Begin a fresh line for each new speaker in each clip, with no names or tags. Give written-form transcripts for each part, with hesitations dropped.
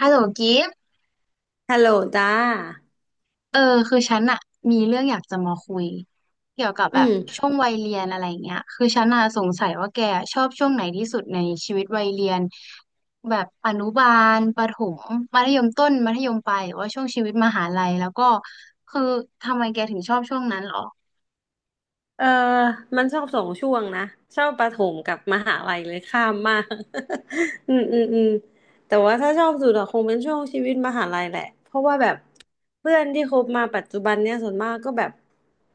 ฮัลโหลกิฟต์
ฮัลโหลจ้า
เออคือฉันอะมีเรื่องอยากจะมาคุยเกี่ยวกับ
อื
แบบ
ม
ช่วงวัยเรียนอะไรเงี้ยคือฉันอะสงสัยว่าแกชอบช่วงไหนที่สุดในชีวิตวัยเรียนแบบอนุบาลประถมมัธยมต้นมัธยมปลายหรือว่าช่วงชีวิตมหาลัยแล้วก็คือทำไมแกถึงชอบช่วงนั้นหรอ
เออมันชอบสองช่วงนะชอบประถมกับมหาลัยเลยข้ามมาก อืมอืมอืมแต่ว่าถ้าชอบสุดอะคงเป็นช่วงชีวิตมหาลัยแหละเพราะว่าแบบเพื่อนที่คบมาปัจจุบันเนี่ยส่วนมากก็แบบ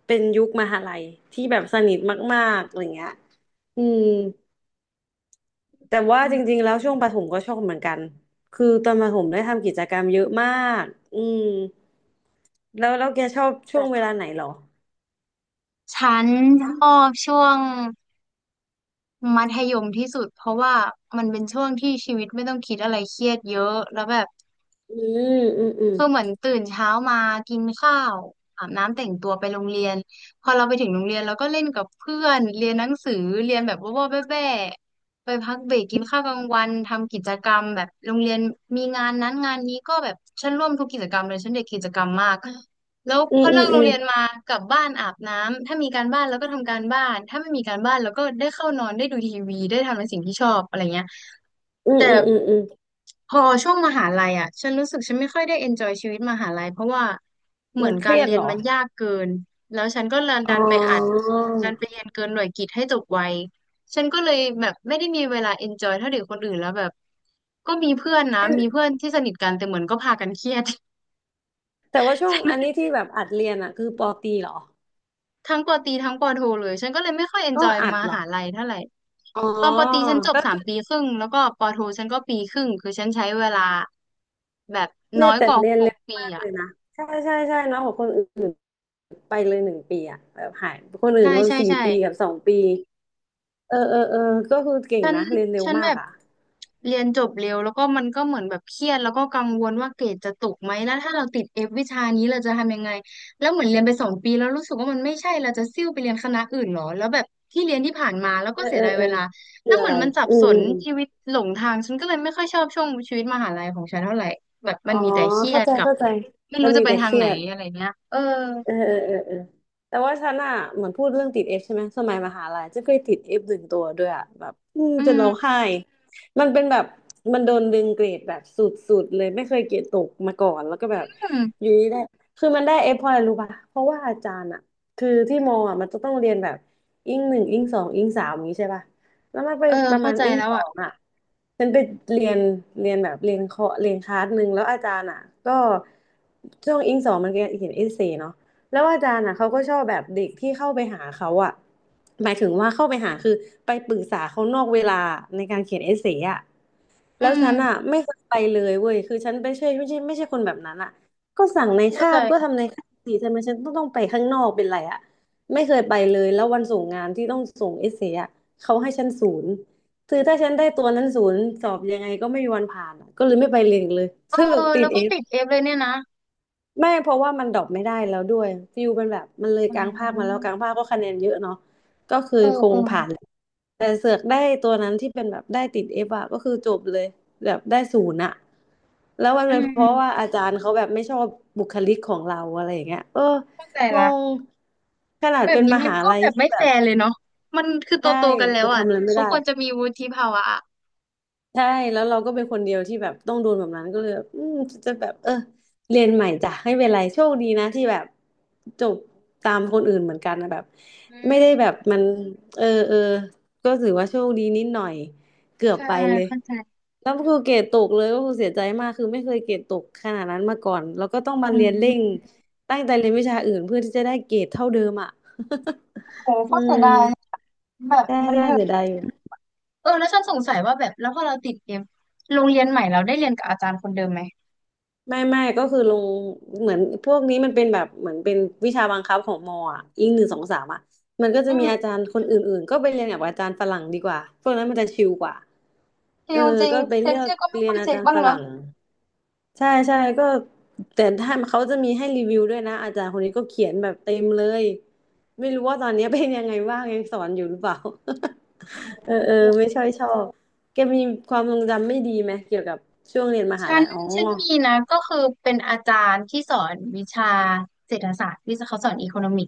เป็นยุคมหาลัยที่แบบสนิทมากๆอะไรเงี้ยอืมแต่ว่า
อื
จ
ม
ริงๆแล้วช่วงประถมก็ชอบเหมือนกันคือตอนประถมได้ทำกิจกรรมเยอะมากอืมแล้วแกชอบช่วงเว
แต่
ลาไหนเหรอ
ฉันชอบช่วงมัธยมที่สุดเพราะว่ามันเป็นช่วงที่ชีวิตไม่ต้องคิดอะไรเครียดเยอะแล้วแบบ
อืมอืมอืม
คือเหมือนตื่นเช้ามากินข้าวอาบน้ำแต่งตัวไปโรงเรียนพอเราไปถึงโรงเรียนเราก็เล่นกับเพื่อนเรียนหนังสือเรียนแบบว่าวๆแบ่ๆไปพักเบรกกินข้าวกลางวันทำกิจกรรมแบบโรงเรียนมีงานนั้นงานนี้ก็แบบฉันร่วมทุกกิจกรรมเลยฉันเด็กกิจกรรมมากแล้ว
อื
พ
ม
อ
อื
เลิ
ม
กโร
อื
ง
ม
เรียนมากลับบ้านอาบน้ำถ้ามีการบ้านเราก็ทำการบ้านถ้าไม่มีการบ้านเราก็ได้เข้านอนได้ดูทีวีได้ทำในสิ่งที่ชอบอะไรเงี้ย
อืม
แต่
อืมอืมอืม
พอช่วงมหาลัยอ่ะฉันรู้สึกฉันไม่ค่อยได้เอนจอยชีวิตมหาลัยเพราะว่าเหมื
มั
อ
น
น
เค
การ
รียด
เรีย
เห
น
รอ
มันยากเกินแล้วฉันก็
อ๋
ดันไปอัด
อ
ดันไปเรียนเกินหน่วยกิตให้จบไวฉันก็เลยแบบไม่ได้มีเวลาเอนจอยเท่าเด็กคนอื่นแล้วแบบก็มีเพื่อนนะมีเพื่อนที่เหมือนก็พากันเครียด
แต่ว่าช่วงอัน นี้ที่แบบอัดเรียนอ่ะคือปอตีเหรอ
ทั้งปอตรีทั้งปอโทเลยฉันก็เลยไม่ค่อยเอน
ก็
จอย
อั
ม
ดเหรอ
หาลัยเท่าไหร่
อ๋อ
ตอนปอตรีฉันจบ
ก็
สามปีครึ่งแล้วก็ปอโทฉันก็ปีครึ่งคือฉันใช้เวลาแบบ
เรี
น้อ
ยน
ยก
แต่
ว่า
เรียน
หก
เร็ว
ปี
มาก
อ่ะ
เลยนะใช่ใช่ใช่เนาะขอยกว่าคนอื่นไปเลยหนึ่งปีอ่ะแบบหายคนอื่
ใช่
นเขา
ใช่
สี่
ใช่
ปีกับสองปีเออเออเออก็คือเก่ง
ฉัน
นะเรียนเร็ว
ฉันแบ
มาก
บ
อ่ะ
เรียนจบเร็วแล้วก็มันก็เหมือนแบบเครียดแล้วก็กังวลว่าเกรดจะตกไหมแล้วถ้าเราติดเอฟวิชานี้เราจะทำยังไงแล้วเหมือนเรียนไปสองปีแล้วรู้สึกว่ามันไม่ใช่เราจะซิ่วไปเรียนคณะอื่นเหรอแล้วแบบที่เรียนที่ผ่านมาแล้วก็
เออ
เสี
เอ
ยดา
อ
ย
เอ
เว
อ
ลา
คื
แล้
อ
วเห
อะ
มือ
ไร
นมันสับ
อื
ส
มอื
น
มอม
ชีวิตหลงทางฉันก็เลยไม่ค่อยชอบช่วงชีวิตมหาลัยของฉันเท่าไหร่แบบ
อ๋
มั
อ
นมีแต่เครีย
เข้า
ด
ใจ
กับ
เข้าใจ
ไม่
มั
รู้
น
จะ
มี
ไป
แต่
ทา
เค
ง
รี
ไหน
ยด
อะไรเงี้ยเออ
เออเออเออเออแต่ว่าฉันอ่ะเหมือนพูดเรื่องติดเอฟใช่ไหมสมัยมหาลัยจะเคยติดเอฟหนึ่งตัวด้วยอ่ะแบบอืม
อื
จนร้อง
ม
ไห้มันเป็นแบบมันโดนดึงเกรดแบบสุดๆเลยไม่เคยเกรดตกมาก่อนแล้วก็แบบ
อื
อ
ม
ยู่ดีได้คือมันได้เอฟเพราะอะไรรู้ป่ะเพราะว่าอาจารย์อ่ะคือที่มออ่ะมันจะต้องเรียนแบบอิงหนึ่งอิงสองอิงสามอย่างนี้ใช่ป่ะแล้วมันไป
เออ
ประ
เข้า
มาณ
ใจ
อิง
แล้ว
สอ
อ่ะ
งอ่ะฉันไปเรียนเรียนแบบเรียนเคาะเรียนคลาสหนึ่งแล้วอาจารย์อ่ะก็ช่วงอิงสองมันเรียนเขียนเอเซเนาะ แล้วอาจารย์อ่ะเขาก็ชอบแบบเด็กที่เข้าไปหาเขาอ่ะหมายถึงว่าเข้าไปหาคือไปปรึกษาเขานอกเวลาในการเขียนเอเซ่อ่ะ
อื
แล้วฉัน
ม
อ่ะไม่เคยไปเลยเว้ยคือฉันไม่ใช่คนแบบนั้นอ่ะก็สั่งใน
เข้า
คาบก็
ใจ
ทำในคาบสิทำไมฉันต้องไปข้างนอกเป็นไรอ่ะไม่เคยไปเลยแล้ววันส่งงานที่ต้องส่งเอเซ่อ่ะเขาให้ฉันศูนย์คือถ้าฉันได้ตัวนั้นศูนย์สอบยังไงก็ไม่มีวันผ่านอะก็เลยไม่ไปเรียนอีกเลย
เออ
สรุปติ
แล้
ด
ว
เอ
ก็ติดเอฟเลยเนี่ยนะ
ไม่เพราะว่ามันดรอปไม่ได้แล้วด้วยฟิวเป็นแบบมันเลย
อ๋
กลางภาคมาแล้ว
อ
กลางภาคก็คะแนนเยอะเนาะก็คือ
เออ
ค
เอ
ง
อ
ผ่านแหละแต่เสือกได้ตัวนั้นที่เป็นแบบได้ติดเอฟอะก็คือจบเลยแบบได้ศูนย์อะแล้วมัน
อื
เป็นเพราะว่า
ม
อาจารย์เขาแบบไม่ชอบบุคลิกของเราอะไรอย่างเงี้ยเออ
เข้าใจ
ง
ละ
งขนาด
แบบ
เป็น
นี้
ม
มัน
หา
ก็
ลัย
แบบ
ที่
ไม่
แบ
แฟ
บ
ร์เลยเนาะมันคือโต
ใช่
โตกันแล้
แต่
วอ่ะ
ทำอะไรไม่
เขา
ได้
ควรจะมีวุฒิภาวะอะ
ใช่แล้วเราก็เป็นคนเดียวที่แบบต้องโดนแบบนั้นก็เลยแบบอืมจะแบบเออเรียนใหม่จ้ะไม่เป็นไรโชคดีนะที่แบบจบตามคนอื่นเหมือนกันนะแบบ
อื
ไม่ได้แบบ
ม
มันเออเออก็ถือว่าโชคดีนิดหน่อยเกือบ
ใช่
ไปเลย
เข้าใจ
แล้วก็คือเกรดตกเลยก็คือเสียใจมากคือไม่เคยเกรดตกขนาดนั้นมาก่อนแล้วก็ต้องมา
อื
เรียนเร่ง
ม
ตั้งใจเรียนวิชาอื่นเพื่อที่จะได้เกรดเท่าเดิมอ่ะ
โห
อื
ก็เสีย
ม
ดายแบบ
ใช่
มัน
ใช่
เถอะ
เสียดายอยู่
เออ แล้วฉันสงสัยว่าแบบแล้วพอเราติดเกมโรงเรียนใหม่เราได้เรียนกับอาจารย์คนเดิมไหม
ไม่ก็คือลงเหมือนพวกนี้มันเป็นแบบเหมือนเป็นวิชาบังคับของมออ่ะอิงหนึ่งสองสามอ่ะมันก็
อื
จะมี
ม
อาจารย์คนอื่นๆก็ไปเรียนกับอาจารย์ฝรั่งดีกว่าพวกนั้นมันจะชิลกว่าเอ
คิ
อ
วจริง
ก็ไป
เช็
เลื
ค
อก
ชื่อก็ไม่
เรี
ค่
ยน
อย
อา
เช็ค
จารย์
บ้าง
ฝรั่
เนาะ
งใช่ใช่ก็แต่ถ้าเขาจะมีให้รีวิวด้วยนะอาจารย์คนนี้ก็เขียนแบบเต็มเลยไม่รู้ว่าตอนนี้เป็นยังไงบ้างยังสอนอยู่หรือเปล่า เออเออไม่ค่อยชอบแกมีความทรงจำไม่ดีไหมเกี่ยวกับช่วงเรียนมหา
ฉั
ลั
น
ยอ๋อ
ฉันมีนะก็คือเป็นอาจารย์ที่สอนวิชาเศรษฐศาสตร์ที่เขาสอนอีโคโนมิก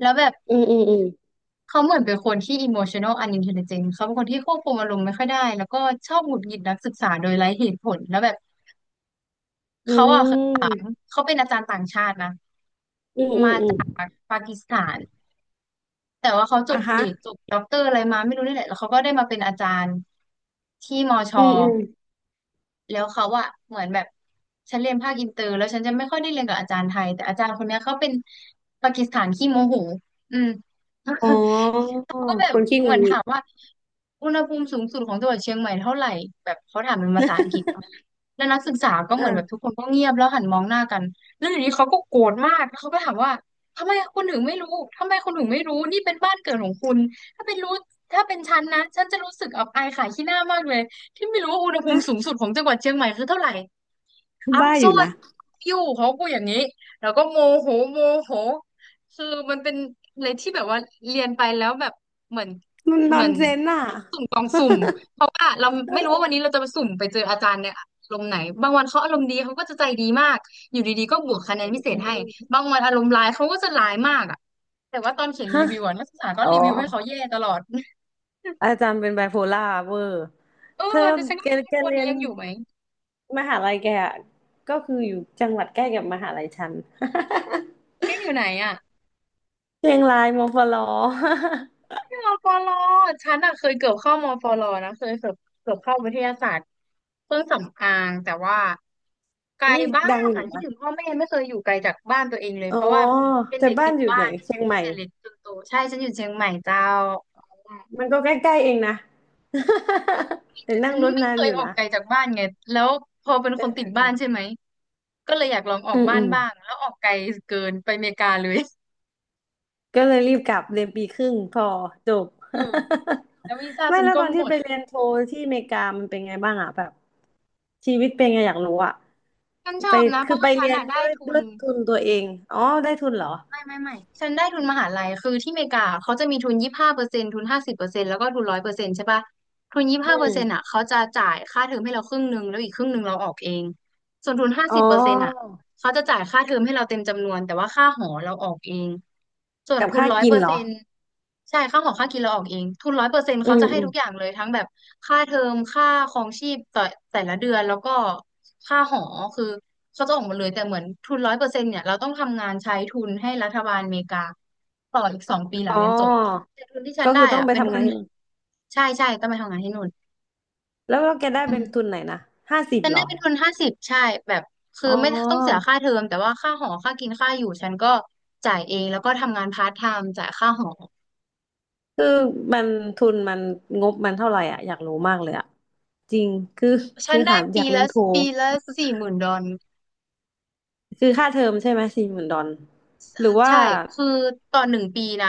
แล้วแบบ
อืมอืมอืม
เขาเหมือนเป็นคนที่ emotional unintelligent เขาเป็นคนที่ควบคุมอารมณ์ไม่ค่อยได้แล้วก็ชอบหงุดหงิดนักศึกษาโดยไร้เหตุผลแล้วแบบ
อื
เขาอ่ะเคยถาม
ม
เขาเป็นอาจารย์ต่างชาตินะ
อืมอืม
มา
อืม
จากปากีสถานแต่ว่าเขาจ
อ่ะ
บ
ฮะ
เอกจบด็อกเตอร์อะไรมาไม่รู้นี่แหละแล้วเขาก็ได้มาเป็นอาจารย์ที่มอช
อื
อ
มอืม
แล้วเขาอะเหมือนแบบฉันเรียนภาคอินเตอร์แล้วฉันจะไม่ค่อยได้เรียนกับอาจารย์ไทยแต่อาจารย์คนเนี้ยเขาเป็นปากีสถานขี้โมโหอืม
อ๋อ
เขาก็แบ
ค
บ
นขี้
เห
งุ
มื
น
อน
งิ
ถา
ด
มว่าอุณหภูมิสูงสุดของจังหวัดเชียงใหม่เท่าไหร่แบบเขาถามเป็นภาษาอังกฤษเน อะแล้วนักศึกษาก็เหมือนแบบทุก
อ่ะ
คนก็เงียบแล้วหันมองหน้ากันแล้วอยู่ดีเขาก็โกรธมากแล้วเขาก็ถามว่าทำไมคุณถึงไม่รู้ทำไมคุณถึงไม่รู้นี่เป็นบ้านเกิดของคุณถ้าเป็นรู้ถ้าเป็นฉันนะฉันจะรู้สึกอับอายขายขี้หน้ามากเลยที่ไม่รู้ว่าอุณหภู
ฮะ
มิสูงสุดของจังหวัดเชียงใหม่คือเท่าไหร่ I'm
บ้าอยู่
sorry
นะ
you เขาพูดอย่างนี้แล้วก็โมโหคือมันเป็นอะไรที่แบบว่าเรียนไปแล้วแบบ เหมือน
มันน
เห
อ
มือ
น
น
เซนอ่ะ
สุ่มกองสุ่มเพราะว่าเราไม่รู้ว่าวันนี้เราจะไปสุ่มไปเจออาจารย์เนี่ยอารมณ์ไหนบางวันเขาอารมณ์ดีเขาก็จะใจดีมากอยู่ดีๆก็บวกคะแนนพิเศ
อื
ษให้
ม
บางวันอารมณ์ร้ายเขาก็จะร้ายมากอ่ะแต่ว่าตอนเขียนรี
ฮะ
วิวอะนักศึกษาก็
อ๋อ
รีวิวให้เขาแย่ตลอด
อาจารย์เป็นไบโพล่าเวอร์
เอ
เธอ
อแต่ฉันก็
แก
ไม่รู้ว่า
แก
ทุกวัน
เรีย
นี้
น
ยังอยู่ไหม
มหาลัยแกอะก็คืออยู่จังหวัดใกล้กับมหาลัยฉัน
ยังอยู่ไหนอ่ะ
เชียงรายมอฟลอ
มปลฉันอะเคยเกือบเข้ามปลนะเคยเกือบเกือบเข้าวิทยาศาสตร์เครื่องสำอางแต่ว่าไกล
อุ้ย
บ้าน
ดังอ
อะ
ยู่
คิด
นะ
ถึงพ่อแม่ไม่เคยอยู่ไกลจากบ้านตัวเองเลย
อ๋อ
เพราะว่าเป็น
แต่
เด็ก
บ้า
ติ
น
ด
อยู่
บ้า
ไหน
น
เชียงใหม่
แต่เล็กจนโตใช่ฉันอยู่เชียงใหม่เจ้า
มันก็ใกล้ๆเองนะ แต่
แต่
นั่
ฉั
ง
น
ร
ไม่
ถนา
เค
น
ย
อยู่
ออก
นะ
ไกลจากบ้านไงแล้วพอเป็นคนติดบ้านใช่ไหมก็เลยอยากลองออ
อื
ก
ม
บ้า
อื
น
ม
บ้างแล้วออกไกลเกินไปอเมริกาเลย
ก็เลยรีบกลับเรียนปีครึ่งพอจบ
ถูกแล้ววีซ่า
ไม่.
ฉัน
แล้ว
ก็
ตอน
หม
ที่ไป
ด
เรียนโทที่อเมริกามันเป็นไงบ้างอ่ะแบบชีวิตเป็นไงอยากรู้อ่ะ
ฉันช
ไป
อบนะเพ
คือ
ราะ
ไป
ว่าฉั
เรี
น
ยน
อะได้
ด้วย
ทุ
ด้ว
น
ยทุนตัวเองอ๋อได้ทุนเหรอ
ไม่ฉันได้ทุนมหาลัยคือที่อเมริกาเขาจะมีทุนยี่สิบห้าเปอร์เซ็นต์ทุนห้าสิบเปอร์เซ็นต์แล้วก็ทุนร้อยเปอร์เซ็นต์ใช่ปะทุนยี่สิบ
อื
ห้าเปอ
ม
ร์เซ็นต์อ่ะเขาจะจ่ายค่าเทอมให้เราครึ่งหนึ่งแล้วอีกครึ่งหนึ่งเราออกเองส่วนทุนห้า
อ๋อ
สิบเปอร์เซ็นต์อ่ะ เขาจะจ่ายค่าเทอมให้เราเต็มจำนวนแต่ว่าค่าหอเราออกเองส่วน
กับ
ทุน
ค่า
ร้อย
กิ
เป
น
อร์
เหร
เซ็
อ
นต์ใช่ค่าหอค่ากินเราออกเองทุนร้อยเปอร์เซ็นต์
อื
เขา
ม
จะให้
อืม
ทุกอย่างเลยทั้งแบบค่าเทอมค่าครองชีพต่อแต่ละเดือนแล้วก็ค่าหอคือเขาจะออกมาเลยแต่เหมือนทุนร้อยเปอร์เซ็นต์เนี่ยเราต้องทำงานใช้ทุนให้รัฐบาลอเมริกาต่ออีก2 ปีหลั
อ๋
ง
อ
เรียนจบแต่ทุนที่ฉัน
ก็
ได้
คือต้อง
อ่ะ
ไป
เป็น
ทำ
ทุ
งา
น
นที่นู่น
ใช่ต้องไปทำงานที่นู่น
แล้วแกได้
อื
เป็
ม
นทุนไหนนะ50
ฉัน
เหร
ได้
อ
เป็นทุน50ใช่แบบคือ
อ๋
ไม่ต้องเสีย
อ
ค่าเทอมแต่ว่าค่าหอ ค่ากินค่าอยู่ฉันก็จ่ายเอง แล้วก็ทำงานพาร์ทไทม์จ่ายค่าหอ
คือมันทุนมันงบมันเท่าไหร่อ่ะอยากรู้มากเลยอ่ะจริงคือ
ฉั
คื
น
อ
ได้
หาอ
ปี
ยากเรียน
ละ
โท
ปีละ40,000 ดอล
คือค่าเทอมใช่ไหม40,000ดอลหรือว่า
ใช่ คือต่อหนึ่งปีนะ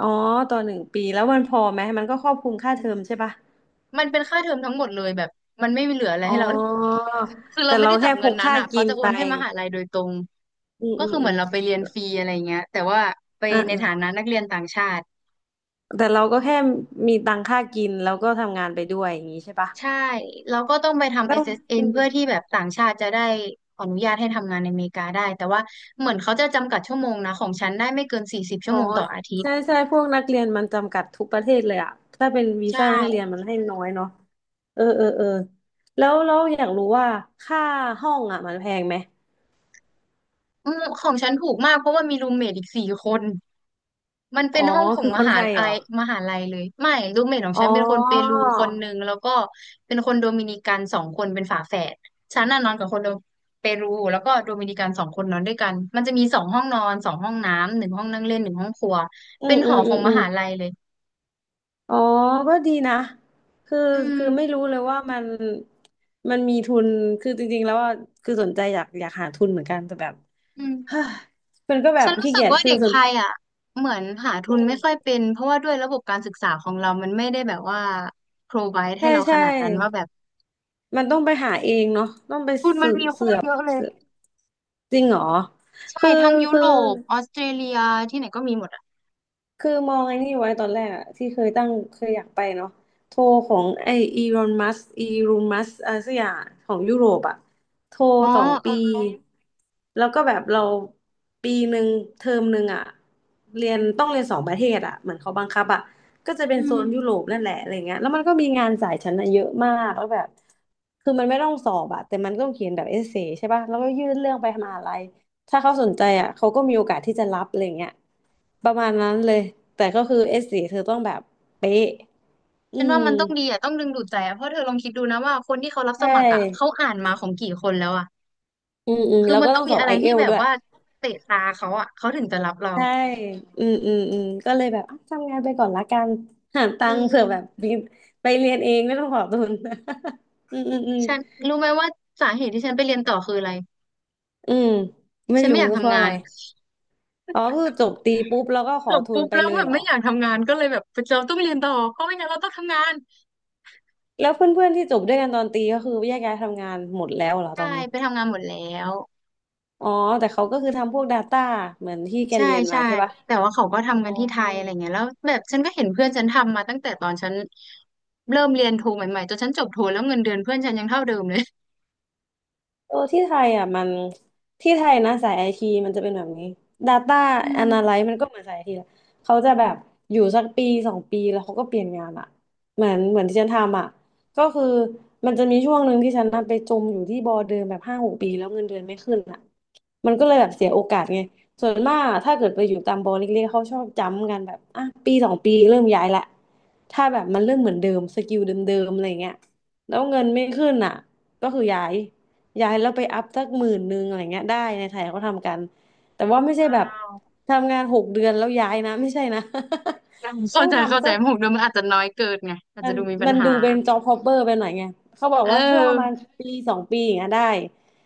อ๋อต่อ1 ปีแล้วมันพอไหมมันก็ครอบคลุมค่าเทอมใช่ปะ
มันเป็นค่าเทอมทั้งหมดเลยแบบ มันไม่มีเหลืออะไร
อ๋
ให้เรา
อ
คือเรา
แต่
ไม่
เรา
ได้จั
แค่
บ
พ
เงิน
ก
นั้น
ค่า
อ่ะเขา
กิน
จะโอ
ไป
นให้มหาลัยโดยตรง
อืม
ก็
อืม
คือเห
อื
มือ
ม
นเราไปเรียนฟรีอะไรเงี้ยแต่ว่าไป
อ่า
ใน
อ่า
ฐานะนักเรียนต่างชาติ
แต่เราก็แค่มีตังค่ากินแล้วก็ทำงานไปด้วยอย่างนี้ใช่ปะ
ใช่แล้วก็ต้องไปทำ
แล้วอื
SSN เอสเอ็น
ม
เพื่อที่แบบต่างชาติจะได้ขออนุญาตให้ทำงานในอเมริกาได้แต่ว่าเหมือนเขาจะจำกัดชั่วโมงนะของฉันได้ไม่เกินสี่สิบชั่
อ๋
ว
อ
โมงต่ออาทิต
ใช่
ย์
ใช่พวกนักเรียนมันจำกัดทุกประเทศเลยอะถ้าเป็นวี
ใช่
ซ่านักเรียนมันให้น้อยเนาะเออเออเออแล้วเราอยากรู้ว่าค่าห้องอะมันแพงไหม
อืมของฉันถูกมากเพราะว่ามีรูมเมทอีก4 คน มัน
อ๋
เป็
อ
นห้องของ
คือ
ม
คนไท
หา
ย
ลั
เหรอ
ยเลยไม่รูมเมทของ
อ๋อ
ฉันเป็นคนเปรูคนหนึ่งแล้วก็เป็นคนโดมินิกันสองคนเป็นฝาแฝดฉันน่ะนอนกับคนโดเปรูแล้วก็โดมินิกันสองคนนอนด้วยกันมันจะมี2 ห้องนอน2 ห้องน้ำหนึ่งห้องนั่งเล่นหนึ่งห้องครัว
อื
เป็
ม
นห
อื
อ
ม
ข
อื
อง
ม
ม
อืม
หาลัยเลย
อ๋อก็ดีนะคือ
อืม
คือไม่รู้เลยว่ามันมีทุนคือจริงๆแล้วว่าคือสนใจอยากหาทุนเหมือนกันแต่แบบ
อืม
มันก็แบบ
ฉันรู้
ขี้
สึก
เกียจ
ว่า
คือ
เด็ก
ส
ไท
น
ยอ่ะเหมือนหาทุ
อื
นไม่ค่อย
ม
เป็นเพราะว่าด้วยระบบการศึกษาของเรามันไม่ได้แบบว่า provide ให้
ใช่
เราข
ใช่
นาดนั้นว่าแบบ
มันต้องไปหาเองเนาะต้องไป
ทุนมัน
สืบ
มีโค
เสื
ต
อ
ร
บ
เยอะเลย
เสือบจริงเหรอ
ใช่
คือ
ทั้งยุ
คือ
โรปออสเตรเลียที่ไหนก็มีหมดอ่ะ
คือมองไอ้นี่ไว้ตอนแรกอะที่เคยตั้งเคยอยากไปเนาะโทรของไออีรอนมัสอีรูมัสอะไรสักอย่างของยุโรปอะโทร
อ๋อ
สอง
เออ
ปี
เออ
แล้วก็แบบเราปีหนึ่งเทอมหนึ่งอะเรียนต้องเรียน2 ประเทศอะเหมือนเขาบังคับอะก็จะเป็น
อื
โซ
ม
นยุโรปนั่นแหละอะไรเงี้ยแล้วมันก็มีงานสายชั้นอะเยอะมากแล้วแบบคือมันไม่ต้องสอบอะแต่มันก็ต้องเขียนแบบเอเซใช่ป่ะแล้วก็ยื่นเรื่องไปมหาลัย ถ้าเขาสนใจอ่ะเขาก็มีโอกาสที่จะรับอะไรเงี้ยประมาณนั้นเลยแต่ก็คือเอสสีเธอต้องแบบเป๊ะอื
ฉัน
ม
ว่ามันต้องดีอ่ะต้องดึงดูดใจอ่ะเพราะเธอลองคิดดูนะว่าคนที่เขารับ
ใช
สมัครอ่ะเขา
่
อ่านมาของกี่คนแล้วอ่ะ
อืมอืม
คือ
แล้ว
มัน
ก็
ต้อ
ต้อ
ง
งส
มี
อบ
อะไร
ไอเอ
ที่
ล
แบบ
ด้วย
ว่าเตะตาเขาอ่ะเขาถึงจะรับเรา
ใช่อืมอืมอืมก็เลยแบบอ่ะทำงานไปก่อนละกันหาตั
เอ
งค์เผื่อ
อ
แบบมีไปเรียนเองไม่ต้องขอทุน อืมอืมอืม
ฉันรู้ไหมว่าสาเหตุที่ฉันไปเรียนต่อคืออะไร
อืมไม่
ฉันไม่
รู้
อยาก
เพ
ทำ
ราะอะ
งา
ไร
น
อ๋อคือจบตีปุ๊บแล้วก็ข
จ
อ
บ
ทุ
ปุ๊
น
บ
ไป
แล้ว
เล
แบ
ย
บ
เหรอ
ไม่อยากทำงานก็เลยแบบเราต้องเรียนต่อเพราะไม่งั้นเราต้องทำงาน
แล้วเพื่อนๆที่จบด้วยกันตอนตีก็คือแยกย้ายทำงานหมดแล้วเหรอต
ใช่
อนนี้
ไปทำงานหมดแล้ว
อ๋อแต่เขาก็คือทำพวก Data เหมือนที่แก
ใช่
เรียนมา
ใช่
ใช่ปะ
แต่ว่าเขาก็ทำกั
อ๋
น
อ
ที่ไทยอะไรเงี้ยแล้วแบบฉันก็เห็นเพื่อนฉันทำมาตั้งแต่ตอนฉันเริ่มเรียนโทใหม่ๆจนฉันจบโทแล้วเงินเดือนเพื่อนฉันยังเท่าเดิมเลย
โอ้ที่ไทยอ่ะมันที่ไทยนะสายไอทีมันจะเป็นแบบนี้ Data
อืม
Analyst มันก็เหมือนสายไอทีแหละเขาจะแบบอยู่สักปีสองปีแล้วเขาก็เปลี่ยนงานอ่ะเหมือนที่ฉันทำอ่ะก็คือมันจะมีช่วงหนึ่งที่ฉันน่ะไปจมอยู่ที่บอเดิมแบบ5-6 ปีแล้วเงินเดือนไม่ขึ้นอ่ะ มันก็เลยแบบเสียโอกาสไงส่วนมากอะถ้าเกิดไปอยู่ตามบอลเล็กๆเขาชอบจ้ำกันแบบอ่ะปีสองปีเริ่มย้ายละถ้าแบบมันเริ่มเหมือนเดิมสกิลเดิมๆอะไรเงี้ยแล้วเงินไม่ขึ้นอ่ะก็คือย้ายแล้วไปอัพสัก10,000อะไรเงี้ยได้ในไทยเขาทำกันแต่ว่าไม่ใช่
ว้า
แบบ
ว
ทำงาน6 เดือนแล้วย้ายนะไม่ใช่นะ
เข้า
ต้อง
ใจเข้า
ทำ
ใจ
สัก
6 เดือนมันอาจจะน้อยเกินไงอาจ
มั
จะ
น
ดูมีปั
มั
ญ
น
หา
ดูเป็นจ็อบฮอปเปอร์ไปหน่อยไง เขาบอก
เอ
ว่าช่วงประมาณ
อ
ปีสองปีอย่างเงี้ยได้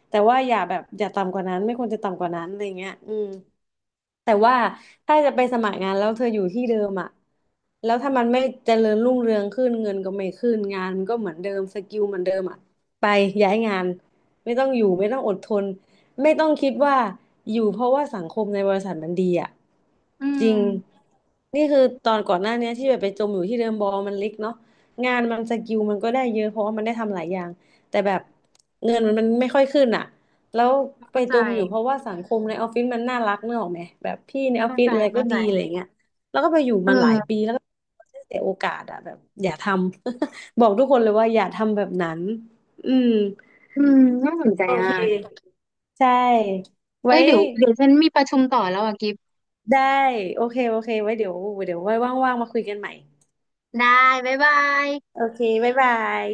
แต่ว่าอย่าแบบอย่าต่ำกว่านั้นไม่ควรจะต่ำกว่านั้นอะไรเงี้ยอืม แต่ว่าถ้าจะไปสมัครงานแล้วเธออยู่ที่เดิมอ่ะแล้วถ้ามันไม่เจริญรุ่งเรืองขึ้นเงินก็ไม่ขึ้นงานมันก็เหมือนเดิมสกิลเหมือนเดิมอ่ะไปย้ายงานไม่ต้องอยู่ไม่ต้องอดทนไม่ต้องคิดว่าอยู่เพราะว่าสังคมในบริษัทมันดีอ่ะ
อื
จริ
ม
งนี่คือตอนก่อนหน้าเนี้ยที่แบบไปจมอยู่ที่เดิมบอลมันเล็กเนาะงานมันสกิลมันก็ได้เยอะเพราะว่ามันได้ทำหลายอย่างแต่แบบเงินมันไม่ค่อยขึ้นอ่ะ แล้วไป
เข้าใจ
จมอยู่เพราะว่าสังคมในออฟฟิศมันน่ารักนึกออกไหมแบบพี่ในออฟ
เข้า
ฟิ
ใจ
ศอะไรก็
เข้าใจ
ดีอะไรเงี้ยแล้วก็ไปอยู่
เอ
มันหลายปี
อ
แล้วก็เสียโอกาสอะแบบอย่าทำ บอกทุกคนเลยว่าอย่าทำแบบนั้นอืม
อืมน่าสนใจ
โอเค
มาก
ใช่
เอ้
ไว้
ยเดี๋ยวฉันมีประชุมต่อแล้วอ่ะกิฟต์
ได้โอเคโอเคไว้เดี๋ยวเดี๋ยวไว้ว่างๆมาคุยกันใหม่
ได้บ๊ายบาย
โอเคบ๊ายบาย